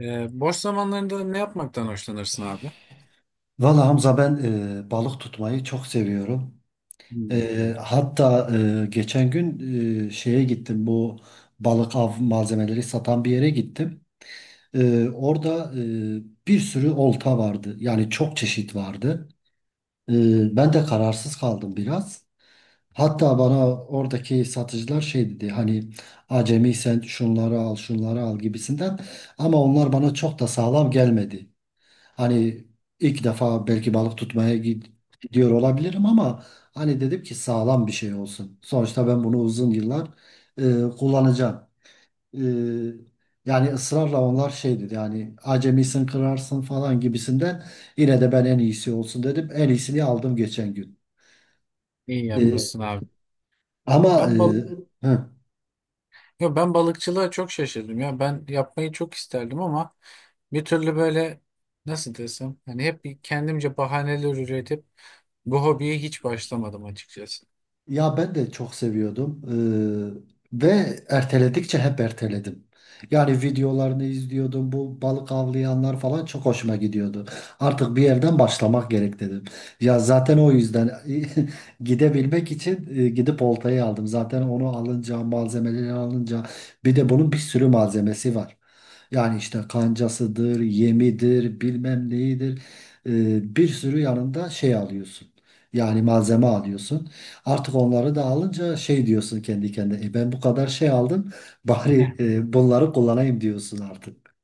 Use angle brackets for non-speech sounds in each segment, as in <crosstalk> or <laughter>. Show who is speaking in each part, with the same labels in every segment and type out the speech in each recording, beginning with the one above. Speaker 1: Boş zamanlarında ne yapmaktan hoşlanırsın abi?
Speaker 2: Valla Hamza ben balık tutmayı çok seviyorum.
Speaker 1: Hmm.
Speaker 2: Hatta geçen gün e, şeye gittim bu balık av malzemeleri satan bir yere gittim. Orada bir sürü olta vardı. Yani çok çeşit vardı. E, Ben de kararsız kaldım biraz. Hatta bana oradaki satıcılar şey dedi hani acemi sen şunları al şunları al gibisinden ama onlar bana çok da sağlam gelmedi. Hani ilk defa belki balık tutmaya gidiyor olabilirim ama hani dedim ki sağlam bir şey olsun. Sonuçta ben bunu uzun yıllar kullanacağım. E, Yani ısrarla onlar şey dedi yani acemisin kırarsın falan gibisinden yine de ben en iyisi olsun dedim. En iyisini aldım geçen gün.
Speaker 1: İyi
Speaker 2: E,
Speaker 1: yapmışsın abi.
Speaker 2: ama e,
Speaker 1: Ben balık,
Speaker 2: hı.
Speaker 1: Ben balıkçılığa çok şaşırdım ya. Ben yapmayı çok isterdim ama bir türlü böyle nasıl desem hani hep bir kendimce bahaneler üretip bu hobiye hiç başlamadım açıkçası.
Speaker 2: Ya ben de çok seviyordum. Ve erteledikçe hep erteledim. Yani videolarını izliyordum. Bu balık avlayanlar falan çok hoşuma gidiyordu. Artık bir yerden başlamak gerek dedim. Ya zaten o yüzden <laughs> gidebilmek için gidip oltayı aldım. Zaten onu alınca, malzemeleri alınca bir de bunun bir sürü malzemesi var. Yani işte kancasıdır, yemidir, bilmem neyidir. Bir sürü yanında şey alıyorsun. Yani malzeme alıyorsun. Artık onları da alınca şey diyorsun kendi kendine. "E, ben bu kadar şey aldım bari
Speaker 1: <laughs>
Speaker 2: bunları kullanayım" diyorsun artık.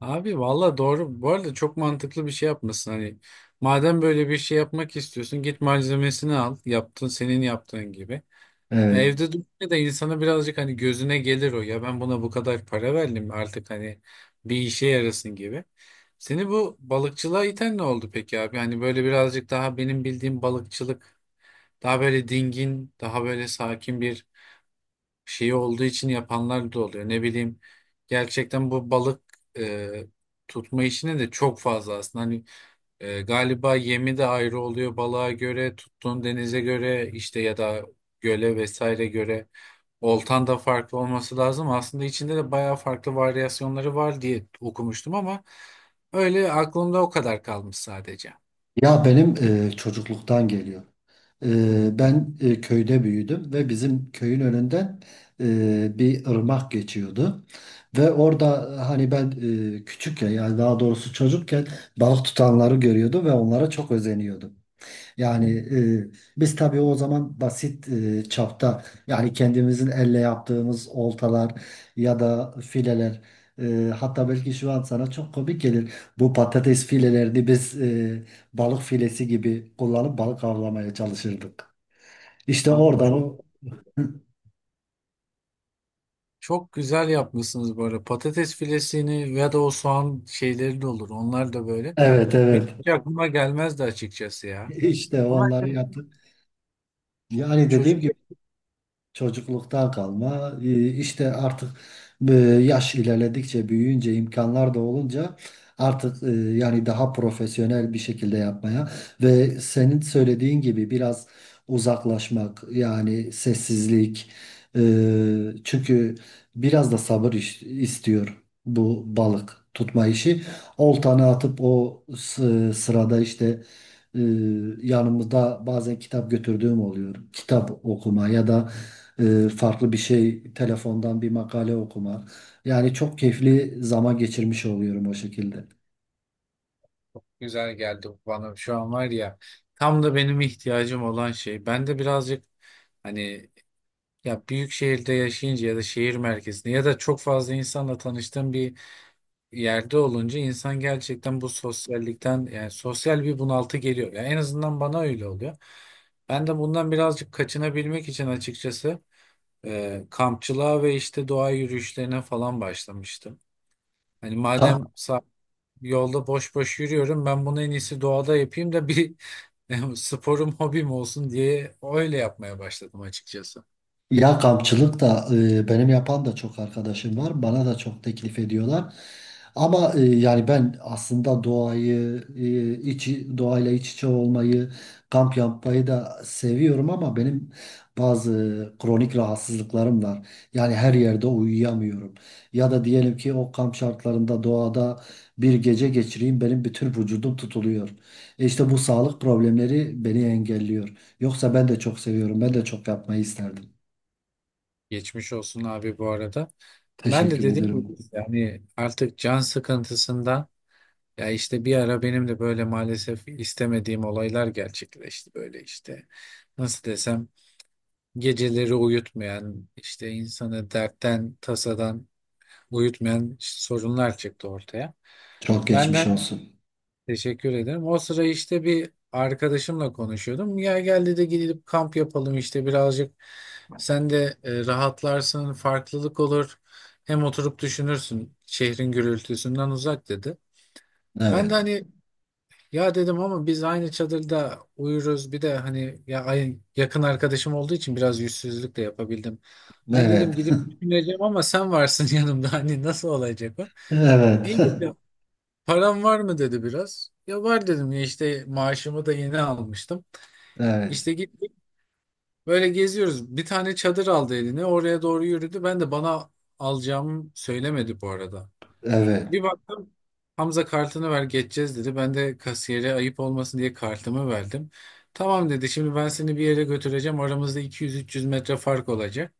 Speaker 1: Abi valla doğru. Bu arada çok mantıklı bir şey yapmışsın. Hani madem böyle bir şey yapmak istiyorsun git malzemesini al. Yaptın senin yaptığın gibi. Ya
Speaker 2: Evet.
Speaker 1: evde durunca da insana birazcık hani gözüne gelir o ya ben buna bu kadar para verdim artık hani bir işe yarasın gibi. Seni bu balıkçılığa iten ne oldu peki abi? Hani böyle birazcık daha benim bildiğim balıkçılık daha böyle dingin, daha böyle sakin bir şey olduğu için yapanlar da oluyor. Ne bileyim gerçekten bu balık e, tutma işine de çok fazla aslında. Hani galiba yemi de ayrı oluyor balığa göre, tuttuğun denize göre işte ya da göle vesaire göre. Oltan da farklı olması lazım. Aslında içinde de bayağı farklı varyasyonları var diye okumuştum ama öyle aklımda o kadar kalmış sadece.
Speaker 2: Ya benim çocukluktan geliyor.
Speaker 1: Hı.
Speaker 2: Köyde büyüdüm ve bizim köyün önünden bir ırmak geçiyordu. Ve orada hani ben küçükken, yani daha doğrusu çocukken, balık tutanları görüyordum ve onlara çok özeniyordum. Yani e, biz tabii o zaman basit çapta yani kendimizin elle yaptığımız oltalar ya da fileler, hatta belki şu an sana çok komik gelir. Bu patates filelerini biz balık filesi gibi kullanıp balık avlamaya çalışırdık. İşte
Speaker 1: Abi
Speaker 2: oradan
Speaker 1: çok
Speaker 2: o <laughs>
Speaker 1: Çok güzel yapmışsınız böyle. Patates filesini ya da o soğan şeyleri de olur. Onlar da böyle.
Speaker 2: evet evet,
Speaker 1: Benim hiç aklıma gelmezdi açıkçası ya.
Speaker 2: işte
Speaker 1: Ama
Speaker 2: onları
Speaker 1: evet,
Speaker 2: yaptık. Yani dediğim
Speaker 1: çocuk
Speaker 2: gibi, çocukluktan kalma. İşte artık yaş ilerledikçe, büyüyünce, imkanlar da olunca artık yani daha profesyonel bir şekilde yapmaya ve senin söylediğin gibi biraz uzaklaşmak, yani sessizlik, e, çünkü biraz da sabır istiyor bu balık tutma işi. Oltanı atıp o sırada işte e, yanımızda bazen kitap götürdüğüm oluyor. Kitap okuma ya da farklı bir şey, telefondan bir makale okuma. Yani çok keyifli zaman geçirmiş oluyorum o şekilde.
Speaker 1: Güzel geldi bu bana. Şu an var ya tam da benim ihtiyacım olan şey. Ben de birazcık hani ya büyük şehirde yaşayınca ya da şehir merkezinde ya da çok fazla insanla tanıştığım bir yerde olunca insan gerçekten bu sosyallikten yani sosyal bir bunaltı geliyor. Yani en azından bana öyle oluyor. Ben de bundan birazcık kaçınabilmek için açıkçası kampçılığa ve işte doğa yürüyüşlerine falan başlamıştım. Hani
Speaker 2: Ka-
Speaker 1: yolda boş boş yürüyorum ben bunu en iyisi doğada yapayım da bir <laughs> sporum hobim olsun diye öyle yapmaya başladım açıkçası.
Speaker 2: Ya kampçılık da benim yapan da çok arkadaşım var. Bana da çok teklif ediyorlar. Ama yani ben aslında doğayı, doğayla iç içe olmayı, kamp yapmayı da seviyorum ama benim bazı kronik rahatsızlıklarım var. Yani her yerde uyuyamıyorum. Ya da diyelim ki o kamp şartlarında doğada bir gece geçireyim, benim bütün vücudum tutuluyor. E işte bu sağlık problemleri beni engelliyor. Yoksa ben de çok seviyorum. Ben de çok yapmayı isterdim.
Speaker 1: Geçmiş olsun abi bu arada. Ben de
Speaker 2: Teşekkür
Speaker 1: dediğim gibi
Speaker 2: ederim.
Speaker 1: yani artık can sıkıntısından ya işte bir ara benim de böyle maalesef istemediğim olaylar gerçekleşti böyle işte. Nasıl desem geceleri uyutmayan işte insanı dertten tasadan uyutmayan sorunlar çıktı ortaya.
Speaker 2: Çok geçmiş
Speaker 1: Benden
Speaker 2: olsun.
Speaker 1: Teşekkür ederim. O sıra işte bir arkadaşımla konuşuyordum. Ya geldi de gidip kamp yapalım işte birazcık. Sen de rahatlarsın, farklılık olur. Hem oturup düşünürsün şehrin gürültüsünden uzak dedi. Ben de
Speaker 2: Evet.
Speaker 1: hani ya dedim ama biz aynı çadırda uyuruz. Bir de hani ya yakın arkadaşım olduğu için biraz yüzsüzlük de yapabildim. Hani
Speaker 2: Evet.
Speaker 1: dedim gidip
Speaker 2: <laughs>
Speaker 1: düşüneceğim ama sen varsın <laughs> yanımda. Hani nasıl olacak o?
Speaker 2: Evet.
Speaker 1: İyi dedi.
Speaker 2: <laughs>
Speaker 1: Param var mı dedi biraz. Ya var dedim ya işte maaşımı da yeni almıştım.
Speaker 2: Evet.
Speaker 1: İşte gittik böyle geziyoruz. Bir tane çadır aldı eline oraya doğru yürüdü. Ben de bana alacağımı söylemedi bu arada.
Speaker 2: Evet.
Speaker 1: Bir baktım Hamza kartını ver geçeceğiz dedi. Ben de kasiyere ayıp olmasın diye kartımı verdim. Tamam dedi şimdi ben seni bir yere götüreceğim. Aramızda 200-300 metre fark olacak.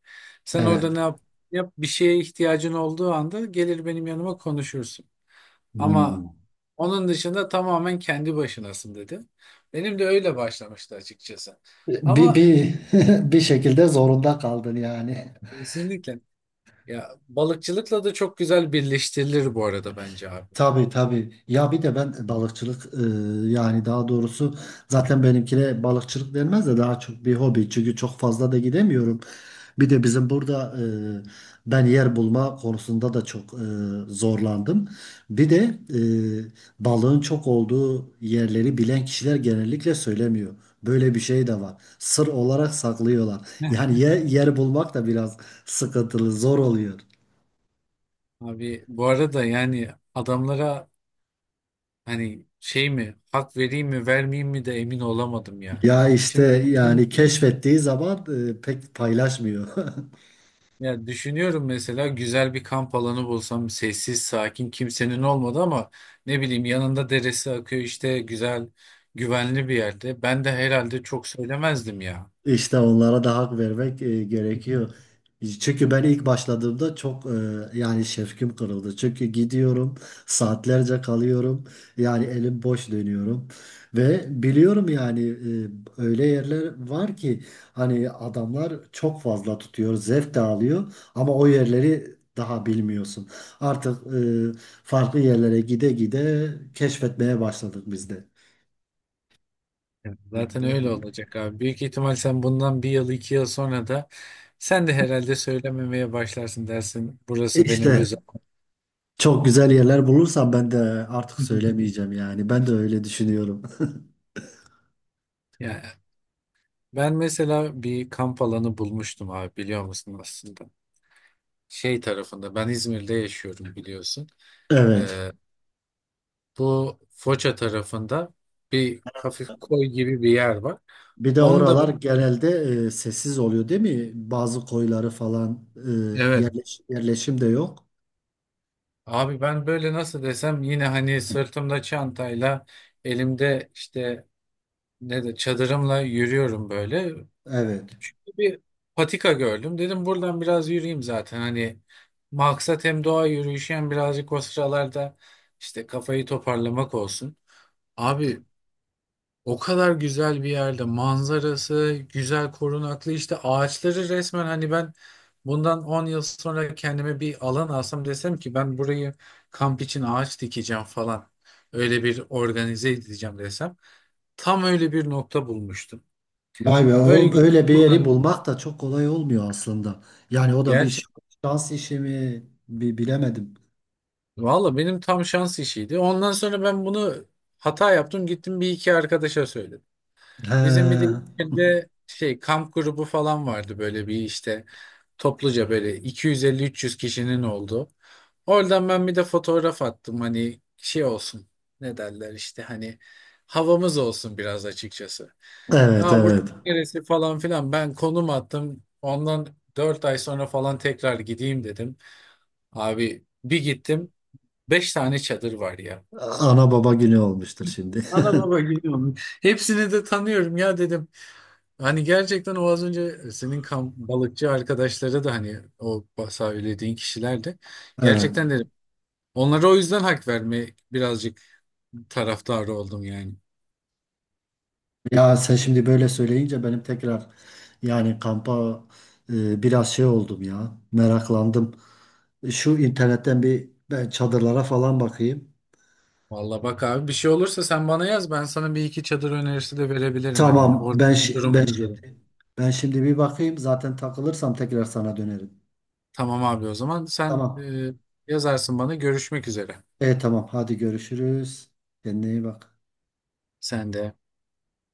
Speaker 1: Sen orada
Speaker 2: Evet.
Speaker 1: yap bir şeye ihtiyacın olduğu anda gelir benim yanıma konuşursun. Ama
Speaker 2: Hmm.
Speaker 1: onun dışında tamamen kendi başınasın dedi. Benim de öyle başlamıştı açıkçası.
Speaker 2: Bir,
Speaker 1: Ama
Speaker 2: bir, <laughs> bir şekilde zorunda kaldın yani.
Speaker 1: kesinlikle ya balıkçılıkla da çok güzel birleştirilir bu arada bence abi.
Speaker 2: Tabii tabii. Ya bir de ben balıkçılık, yani daha doğrusu zaten benimkine balıkçılık denmez de daha çok bir hobi. Çünkü çok fazla da gidemiyorum. Bir de bizim burada e, ben yer bulma konusunda da çok zorlandım. Bir de balığın çok olduğu yerleri bilen kişiler genellikle söylemiyor. Böyle bir şey de var. Sır olarak saklıyorlar. Yani
Speaker 1: <laughs>
Speaker 2: yer bulmak da biraz sıkıntılı, zor oluyor.
Speaker 1: Abi bu arada yani adamlara hani şey mi hak vereyim mi vermeyeyim mi de emin olamadım yani.
Speaker 2: Ya işte
Speaker 1: Şimdi
Speaker 2: yani keşfettiği zaman pek paylaşmıyor. <laughs>
Speaker 1: Ya düşünüyorum mesela güzel bir kamp alanı bulsam sessiz, sakin, kimsenin olmadı ama ne bileyim yanında deresi akıyor işte güzel, güvenli bir yerde. Ben de herhalde çok söylemezdim ya.
Speaker 2: İşte onlara da hak vermek gerekiyor.
Speaker 1: <laughs>
Speaker 2: Çünkü ben ilk başladığımda çok yani şefkim kırıldı. Çünkü gidiyorum, saatlerce kalıyorum. Yani elim boş dönüyorum. Ve biliyorum yani öyle yerler var ki hani adamlar çok fazla tutuyor, zevk de alıyor ama o yerleri daha bilmiyorsun. Artık e, farklı yerlere gide gide keşfetmeye başladık biz de.
Speaker 1: Evet, zaten öyle olacak abi. Büyük ihtimal sen bundan bir yıl 2 yıl sonra da sen de herhalde söylememeye başlarsın dersin. Burası benim
Speaker 2: İşte
Speaker 1: özel.
Speaker 2: çok güzel yerler bulursam ben de artık
Speaker 1: <laughs>
Speaker 2: söylemeyeceğim yani. Ben de öyle düşünüyorum. <laughs>
Speaker 1: Yani ben mesela bir kamp alanı bulmuştum abi biliyor musun aslında? Şey tarafında ben İzmir'de yaşıyorum biliyorsun.
Speaker 2: Evet.
Speaker 1: Ee, Bu Foça tarafında bir hafif koy gibi bir yer var.
Speaker 2: Bir de
Speaker 1: Onu da
Speaker 2: oralar
Speaker 1: bö-
Speaker 2: genelde sessiz oluyor değil mi? Bazı koyları falan
Speaker 1: evet,
Speaker 2: yerleşim de yok.
Speaker 1: abi ben böyle nasıl desem yine hani sırtımda çantayla elimde işte ne de çadırımla yürüyorum böyle.
Speaker 2: Evet.
Speaker 1: Bir patika gördüm. Dedim buradan biraz yürüyeyim zaten. Hani maksat hem doğa yürüyüşü hem birazcık o sıralarda işte kafayı toparlamak olsun. Abi, o kadar güzel bir yerde manzarası, güzel korunaklı işte ağaçları resmen hani ben bundan 10 yıl sonra kendime bir alan alsam desem ki ben burayı kamp için ağaç dikeceğim falan. Öyle bir organize edeceğim desem. Tam öyle bir nokta bulmuştum.
Speaker 2: Vay be, o
Speaker 1: Öyle
Speaker 2: böyle bir yeri
Speaker 1: kullandım.
Speaker 2: bulmak da çok kolay olmuyor aslında. Yani
Speaker 1: <laughs>
Speaker 2: o da bir
Speaker 1: Gerçekten.
Speaker 2: şans işi mi, bilemedim.
Speaker 1: Valla benim tam şans işiydi. Ondan sonra ben bunu hata yaptım gittim bir iki arkadaşa söyledim. Bizim bir de
Speaker 2: He.
Speaker 1: ilçede şey kamp grubu falan vardı böyle bir işte topluca böyle 250-300 kişinin olduğu. Oradan ben bir de fotoğraf attım hani şey olsun ne derler işte hani havamız olsun biraz açıkçası.
Speaker 2: Evet
Speaker 1: Aa burası
Speaker 2: evet.
Speaker 1: neresi falan filan ben konum attım ondan 4 ay sonra falan tekrar gideyim dedim. Abi bir gittim 5 tane çadır var ya.
Speaker 2: Ana baba günü olmuştur şimdi.
Speaker 1: Ana baba
Speaker 2: <laughs>
Speaker 1: gidiyorum. Hepsini de tanıyorum ya dedim. Hani gerçekten o az önce senin kamp balıkçı arkadaşları da hani o söylediğin kişiler de
Speaker 2: Evet.
Speaker 1: gerçekten dedim. Onlara o yüzden hak verme birazcık taraftarı oldum yani.
Speaker 2: Ya sen şimdi böyle söyleyince benim tekrar yani kampa biraz şey oldum ya. Meraklandım. Şu internetten bir ben çadırlara falan bakayım.
Speaker 1: Vallahi bak abi bir şey olursa sen bana yaz ben sana bir iki çadır önerisi de verebilirim hani o
Speaker 2: Tamam,
Speaker 1: durumu göre.
Speaker 2: ben şimdi bir bakayım. Zaten takılırsam tekrar sana dönerim.
Speaker 1: Tamam abi o zaman sen
Speaker 2: Tamam.
Speaker 1: yazarsın bana görüşmek üzere.
Speaker 2: E tamam, hadi görüşürüz. Kendine iyi bak.
Speaker 1: Sen de.